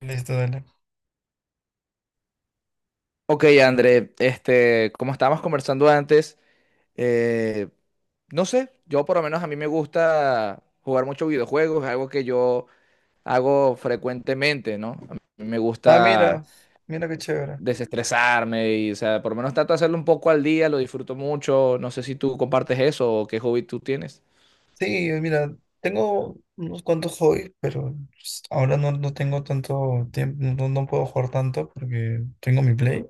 Listo, dale. Ok, André, como estábamos conversando antes, eh, no sé, yo por lo menos a mí me gusta jugar mucho videojuegos, es algo que yo hago frecuentemente, ¿no? A mí me Ah, mira, gusta mira qué chévere. desestresarme y, o sea, por lo menos trato de hacerlo un poco al día, lo disfruto mucho, no sé si tú compartes eso o qué hobby tú tienes. Sí, mira, tengo unos cuantos hobbies, pero ahora no, no tengo tanto tiempo, no, no puedo jugar tanto porque tengo mi Play.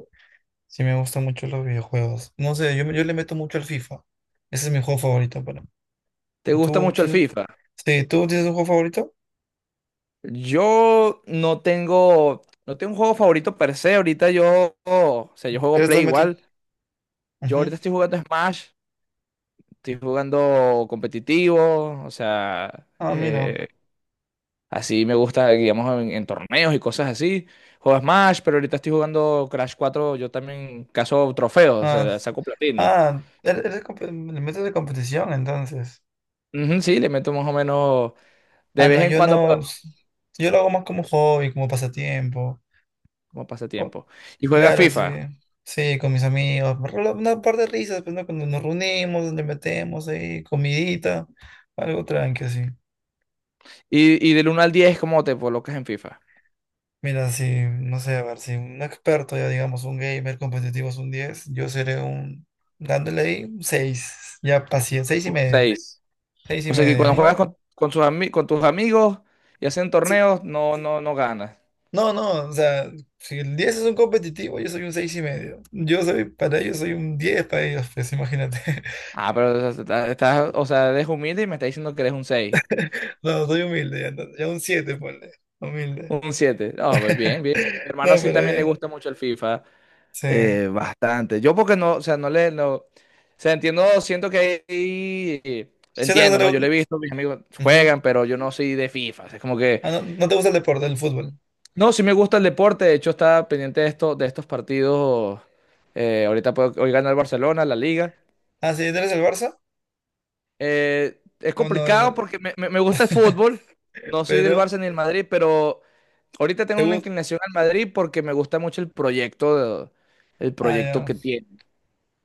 Sí, me gustan mucho los videojuegos. No sé, yo le meto mucho al FIFA. Ese es mi juego favorito para mí. ¿Te gusta ¿Tú, mucho el tienes- FIFA? sí, ¿tú tienes un juego favorito? Yo no tengo, no tengo un juego favorito per se, ahorita yo, o sea, yo ¿Qué le juego Play estás metiendo? igual, yo Ujú. ahorita estoy jugando Smash. Estoy jugando competitivo, o sea, Ah, mira. Así me gusta, digamos, en torneos y cosas así. Juego Smash, pero ahorita estoy jugando Crash 4, yo también caso trofeos, o Ah, sea, saco platino. ah, le metes de competición entonces. Ujú, sí, le meto más o menos Ah, de vez no, en yo cuando, pero no. Yo lo hago más como hobby, como pasatiempo. como O- pasatiempo. Y juegas claro, sí. FIFA. Sí, con mis amigos. Una par de risas, pues, ¿no? Cuando nos reunimos, le metemos ahí, comidita, algo tranqui, así. Y del uno al diez, ¿cómo te colocas en FIFA? Mira, si, no sé, a ver, si un experto, ya digamos, un gamer competitivo es un 10, dándole ahí un 6, ya paciente, Un seis. 6 y O sea que medio, cuando juegas ajá. con, con tus amigos y hacen Sí, torneos, no, no, no ganas. no, no, o sea, si el 10 es un competitivo, yo soy un 6 y medio. Yo soy, para ellos soy un 10 para ellos, pues imagínate. Ah, pero o sea, o sea, eres humilde y me estás diciendo que eres un 6, No, soy humilde, ya, ya un 7, ponle. Humilde. un 7. No, pues bien, bien. Mi hermano No, sí pero también le bien. gusta mucho el FIFA, Sí. Bastante. Yo porque no, o sea, no le, no, o sea, entiendo, siento que hay- Siento que no entiendo, ¿no? le Yo le he gu- visto, mis amigos Ujú. juegan, pero yo no soy de FIFA. O sea, es como que, Ah, no, no te gusta el deporte, el fútbol. no, sí me gusta el deporte, de hecho estaba pendiente de esto, de estos partidos, ahorita puedo, hoy gana el Barcelona, la Liga. Ah, sí, ¿tú eres el Barça? Es O no eres complicado el... porque me, me gusta el fútbol. No soy del Pero, Barça ni del Madrid, pero ahorita tengo ¿te una gusta? inclinación al Madrid porque me gusta mucho el proyecto, de- el Ah, proyecto ya. que tiene.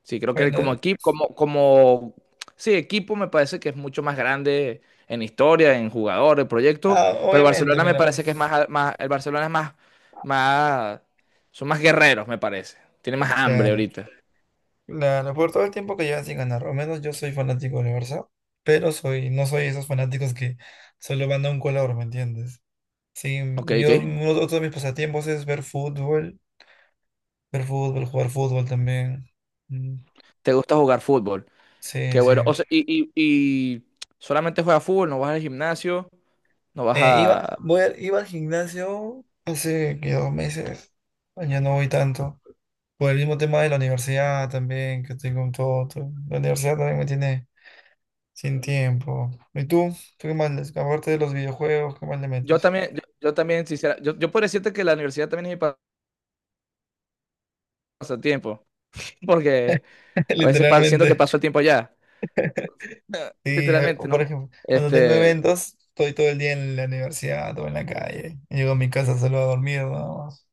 Sí, creo que Bueno, como el- equipo, sí, equipo me parece que es mucho más grande en historia, en jugadores, proyecto, ah, pero el obviamente, Barcelona me mira. parece que es más, más, el Barcelona es más, más, son más guerreros, me parece. Tiene más hambre Claro. ahorita. Claro, por todo el tiempo que llevan sin ganar, al menos yo soy fanático del Barça, pero soy, no soy esos fanáticos que solo van a un color, ¿me entiendes? Sí, Ok, ok. Otro de mis pasatiempos es ver fútbol, jugar fútbol también. Mm, ¿Te gusta jugar fútbol? sí, Qué sí. bueno. O sea, y solamente juegas fútbol, no vas al gimnasio, no vas a... Iba al gimnasio hace que 2 meses, ya no voy tanto. Por el mismo tema de la universidad también, que tengo La universidad también me tiene sin tiempo. ¿Y tú? ¿Tú qué más les? Aparte de los videojuegos, ¿qué más le Yo metes? también, yo también, sincera, yo puedo decirte que la universidad también es mi pasatiempo, porque a veces siento que Literalmente. paso el tiempo allá, Sí, o literalmente, por ¿no? ejemplo, cuando tengo Este, eventos, estoy todo el día en la universidad o en la calle. Llego a mi casa solo a dormir, nada más.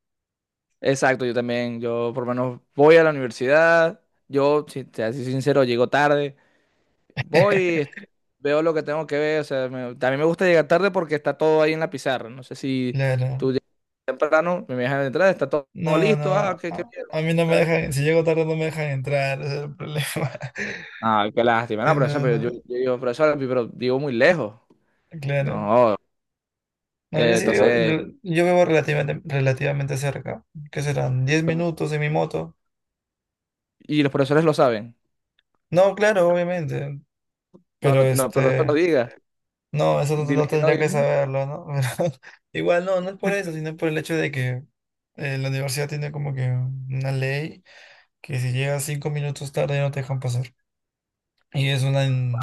exacto, yo también, yo por lo menos voy a la universidad, yo, si te soy sincero, llego tarde, voy, veo lo que tengo que ver, o sea, también me gusta llegar tarde porque está todo ahí en la pizarra, no sé si Claro. temprano me dejan entrar, está todo, No, listo, ah, no. qué, qué bien, ah, A mí aquí no me está. dejan, si llego tarde no me dejan entrar, ese es el problema. Ah, qué lástima, Sí, no, profesor, no, pero no. yo digo, profesor, pero vivo muy lejos. Claro. No. No, yo sí vivo, Entonces, yo vivo relativamente cerca. ¿Qué serán? Diez pero... minutos en mi moto? y los profesores lo saben. No, claro, obviamente. No, Pero no, no, pero no te lo este. digas. No, eso no, no Dile que no, tendría que dile. saberlo, ¿no? Pero igual no, no es por eso, sino por el hecho de que la universidad tiene como que una ley que si llegas 5 minutos tarde no te dejan pasar. Y es una...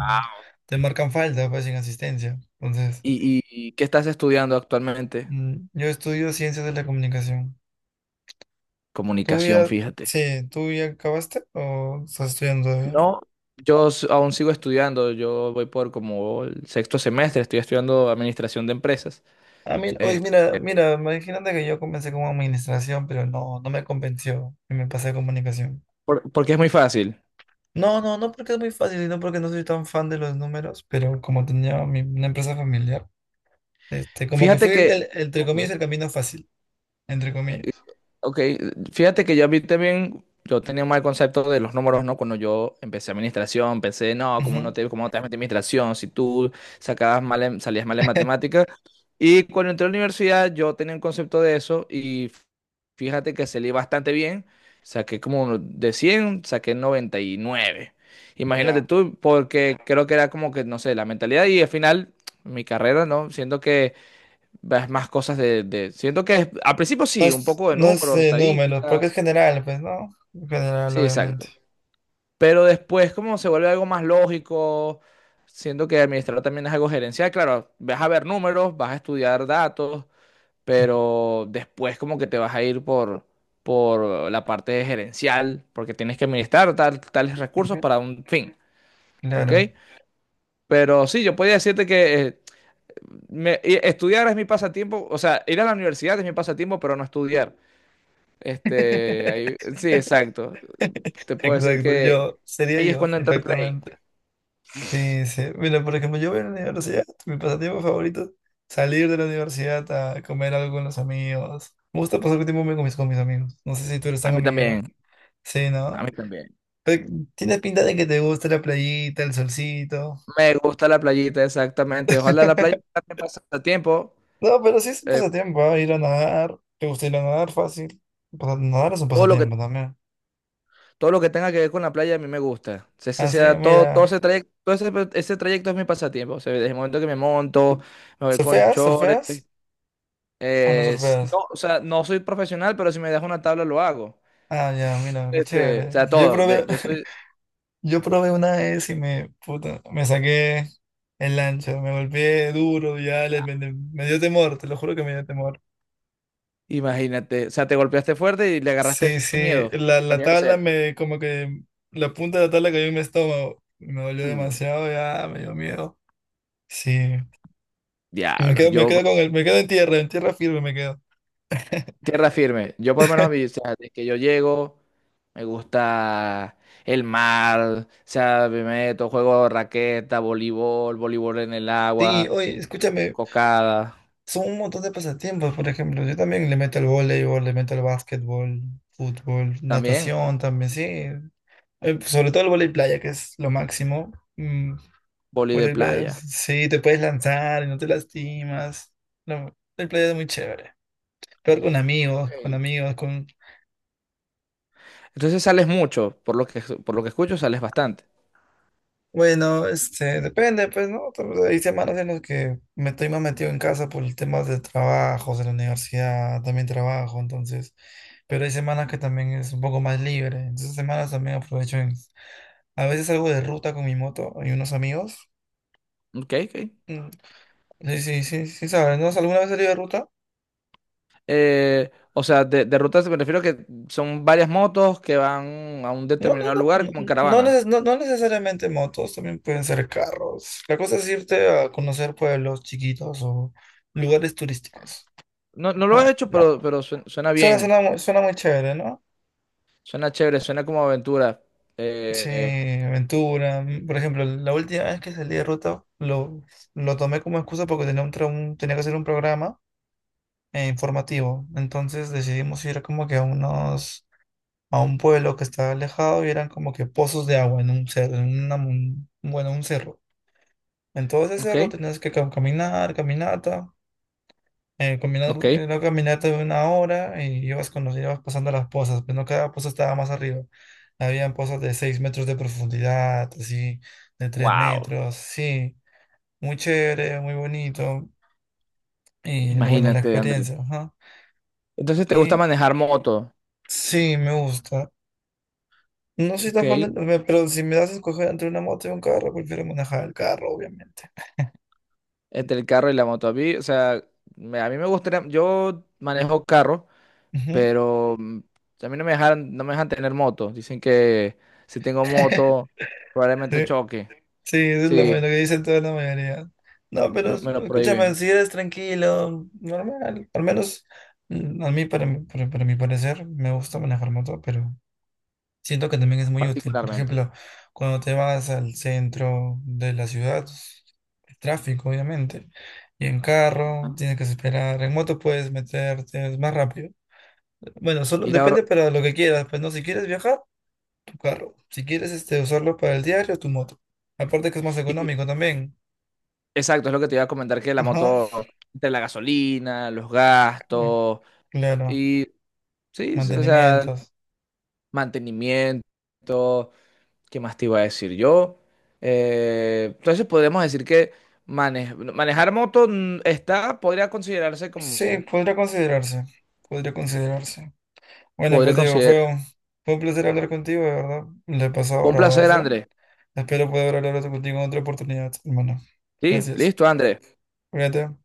te marcan falta, pues, sin asistencia. Entonces, ¿Y qué estás estudiando actualmente? mm, yo estudio ciencias de la comunicación. ¿Tú Comunicación, ya, fíjate. sí, ¿tú ya acabaste o estás estudiando todavía? No, aún sigo estudiando. Yo voy por como el sexto semestre. Estoy estudiando administración de empresas. Ah, mira, oye, Eh, mira, mira, imagínate que yo comencé como administración, pero no, no me convenció y me pasé a comunicación. Porque es muy fácil. No, no, no porque es muy fácil, sino porque no soy tan fan de los números, pero como una empresa familiar, este, como que Fíjate fue que... entre Ok. comillas, el camino fácil, entre Eh, comillas. Ok, fíjate que yo a mí también, yo tenía un mal concepto de los números, ¿no? Cuando yo empecé administración, pensé, no, ¿cómo no Ujú, te, cómo te vas a meter en administración si tú sacabas mal salías mal en matemáticas? Y cuando entré a la universidad, yo tenía un concepto de eso y fíjate que salí bastante bien, saqué como de 100 saqué noventa y nueve. Imagínate ya. tú, porque creo que era como que, no sé, la mentalidad y al final mi carrera, ¿no? Siendo que ves más cosas de, siento que al principio No sí, un es, poco de no es, números, números, porque estadísticas. es general, pues, ¿no? General, Sí, obviamente. exacto. Pero después como se vuelve algo más lógico, siento que administrar también es algo gerencial. Claro, vas a ver números, vas a estudiar datos, pero después como que te vas a ir por la parte gerencial, porque tienes que administrar tales recursos Ujú. para un fin, ¿ok? Claro. Pero sí, yo podría decirte que estudiar es mi pasatiempo, o sea, ir a la universidad es mi pasatiempo, pero no estudiar. Este, ahí, sí, exacto. Te puedo decir Exacto, que yo, sería ahí es yo, cuando entra el play. perfectamente. Sí, sí. Mira, por ejemplo, yo voy a la universidad, mi pasatiempo favorito, salir de la universidad a comer algo con los amigos. Me gusta pasar tiempo con mis amigos. No sé si tú eres A tan mí amiguero. también, Sí, a ¿no? mí también. Pero tienes pinta de que te gusta la playita, el solcito. Me gusta la playita, exactamente. Ojalá la playa sea pase a... No, pero sí es un Eh, pasatiempo, ¿ah? Ir a nadar. ¿Te gusta ir a nadar fácil? Nadar es un todo lo que, pasatiempo también. todo lo que tenga que ver con la playa a mí me gusta. Ese Ah, sí, sea, todo, todo mira. ese trayecto, todo ese, ese trayecto es mi pasatiempo. O sea, desde el momento que me monto, me voy con ¿Surfeas? chores. ¿Surfeas? ¿O no Es... surfeas? no, o sea, no soy profesional, pero si me das una tabla lo hago. Ah, ya, mira, qué O chévere. sea, Yo todo. probé, Yo soy... yo probé una vez y me, puta, me saqué el ancho, me golpeé duro, me, me dio temor, te lo juro que me dio temor. Imagínate, o sea, te golpeaste fuerte y le agarraste Sí, sí, miedo. La Podría tabla hacer. me, como que la punta de la tabla cayó en mi estómago, me dolió Mm, demasiado, ya me dio miedo. Sí, diablos, me quedo yo, con el, me quedo en tierra firme me quedo. tierra firme. Yo por lo menos a mí, o sea, de que yo llego, me gusta el mar, o sea, me meto, juego raqueta, voleibol, voleibol en el Sí, agua, oye, escúchame, cocada, son un montón de pasatiempos, por ejemplo, yo también le meto al voleibol, le meto al básquetbol, fútbol, también natación también, sí. Sobre todo el voleibol playa, que es lo máximo. Mm, vóley de voleibol playa, playa. sí, te puedes lanzar y no te lastimas. No, el playa es muy chévere. Peor con amigos, con Ok. amigos, con... Entonces sales mucho, por lo que escucho, sales bastante. Bueno, este, depende, pues, ¿no? Hay semanas en las que me estoy más metido en casa por el tema de trabajos, de la universidad, también trabajo, entonces... Pero hay semanas que también es un poco más libre. Entonces, semanas también aprovecho en... A veces salgo de ruta con mi moto y unos amigos. Ok, ok. Mm, sí, sí, sí, sí, sabes, ¿no? ¿Alguna vez salí de ruta? O sea, de rutas me refiero que son varias motos que van a un No, no, determinado no, lugar no, como en no, caravana. No necesariamente motos, también pueden ser carros. La cosa es irte a conocer pueblos chiquitos o lugares turísticos. No, no lo he Ajá, hecho, ¿no? Pero suena Suena, bien, suena muy chévere, ¿no? suena chévere, suena como aventura. Sí, Eh, aventura. Mm, por ejemplo, la última vez que salí de ruta lo tomé como excusa porque tenía que hacer un programa informativo. Entonces decidimos ir como que a unos, a un pueblo que estaba alejado y eran como que pozos de agua en un cerro, bueno, un cerro. Entonces ese ok, cerro tenías que caminar, caminata, combinar ok. la caminata de 1 hora y ibas, con ibas pasando las pozas, pero no cada poza estaba más arriba. Habían pozas de 6 metros de profundidad, así, de tres Wow. metros, sí. Muy chévere, muy bonito. Y bueno, la Imagínate, André. experiencia, ajá. Entonces, ¿te gusta Y manejar moto? sí, me gusta. No soy Ok, tan fan de, pero si me das a escoger entre una moto y un carro, prefiero manejar el carro, obviamente. entre el carro y la moto. A mí, o sea, a mí me gustaría, yo manejo carro, Ujú. pero mm, a mí no me dejan, no me dejan tener moto. Dicen que si tengo moto, probablemente Sí. choque. Sí, eso es lo Sí, que dicen toda la mayoría. No, pero me, me lo escúchame, prohíben, si eres tranquilo, normal. Al menos mm, a mí, para, para mi parecer, me gusta manejar moto, pero siento que también es muy útil. Por particularmente. ejemplo, cuando te vas al centro de la ciudad, el tráfico, obviamente, y en carro, Ajá. tienes que esperar. En moto puedes meterte, es más rápido. Bueno, solo Y la, hor- depende para lo que quieras. Pues no, si quieres viajar, tu carro. Si quieres este, usarlo para el diario, tu moto. Aparte que es más y fi- económico también. exacto, es lo que te iba a comentar, que la Ajá, moto, entre la gasolina, los cl- gastos, claro, y sí, sí, o sea, mantenimientos. mantenimiento, ¿qué más te iba a decir yo? Entonces podemos decir que manejar moto mm, está, podría considerarse Sí, como, podría considerarse, podría considerarse. Bueno, podría pues Diego, considerar. Fue un placer hablar contigo, de verdad. Le he pasado Un placer, bravazo. Andrés. Espero poder hablar contigo en otra oportunidad, hermano. Sí, Gracias. listo, Andrés. Cuídate.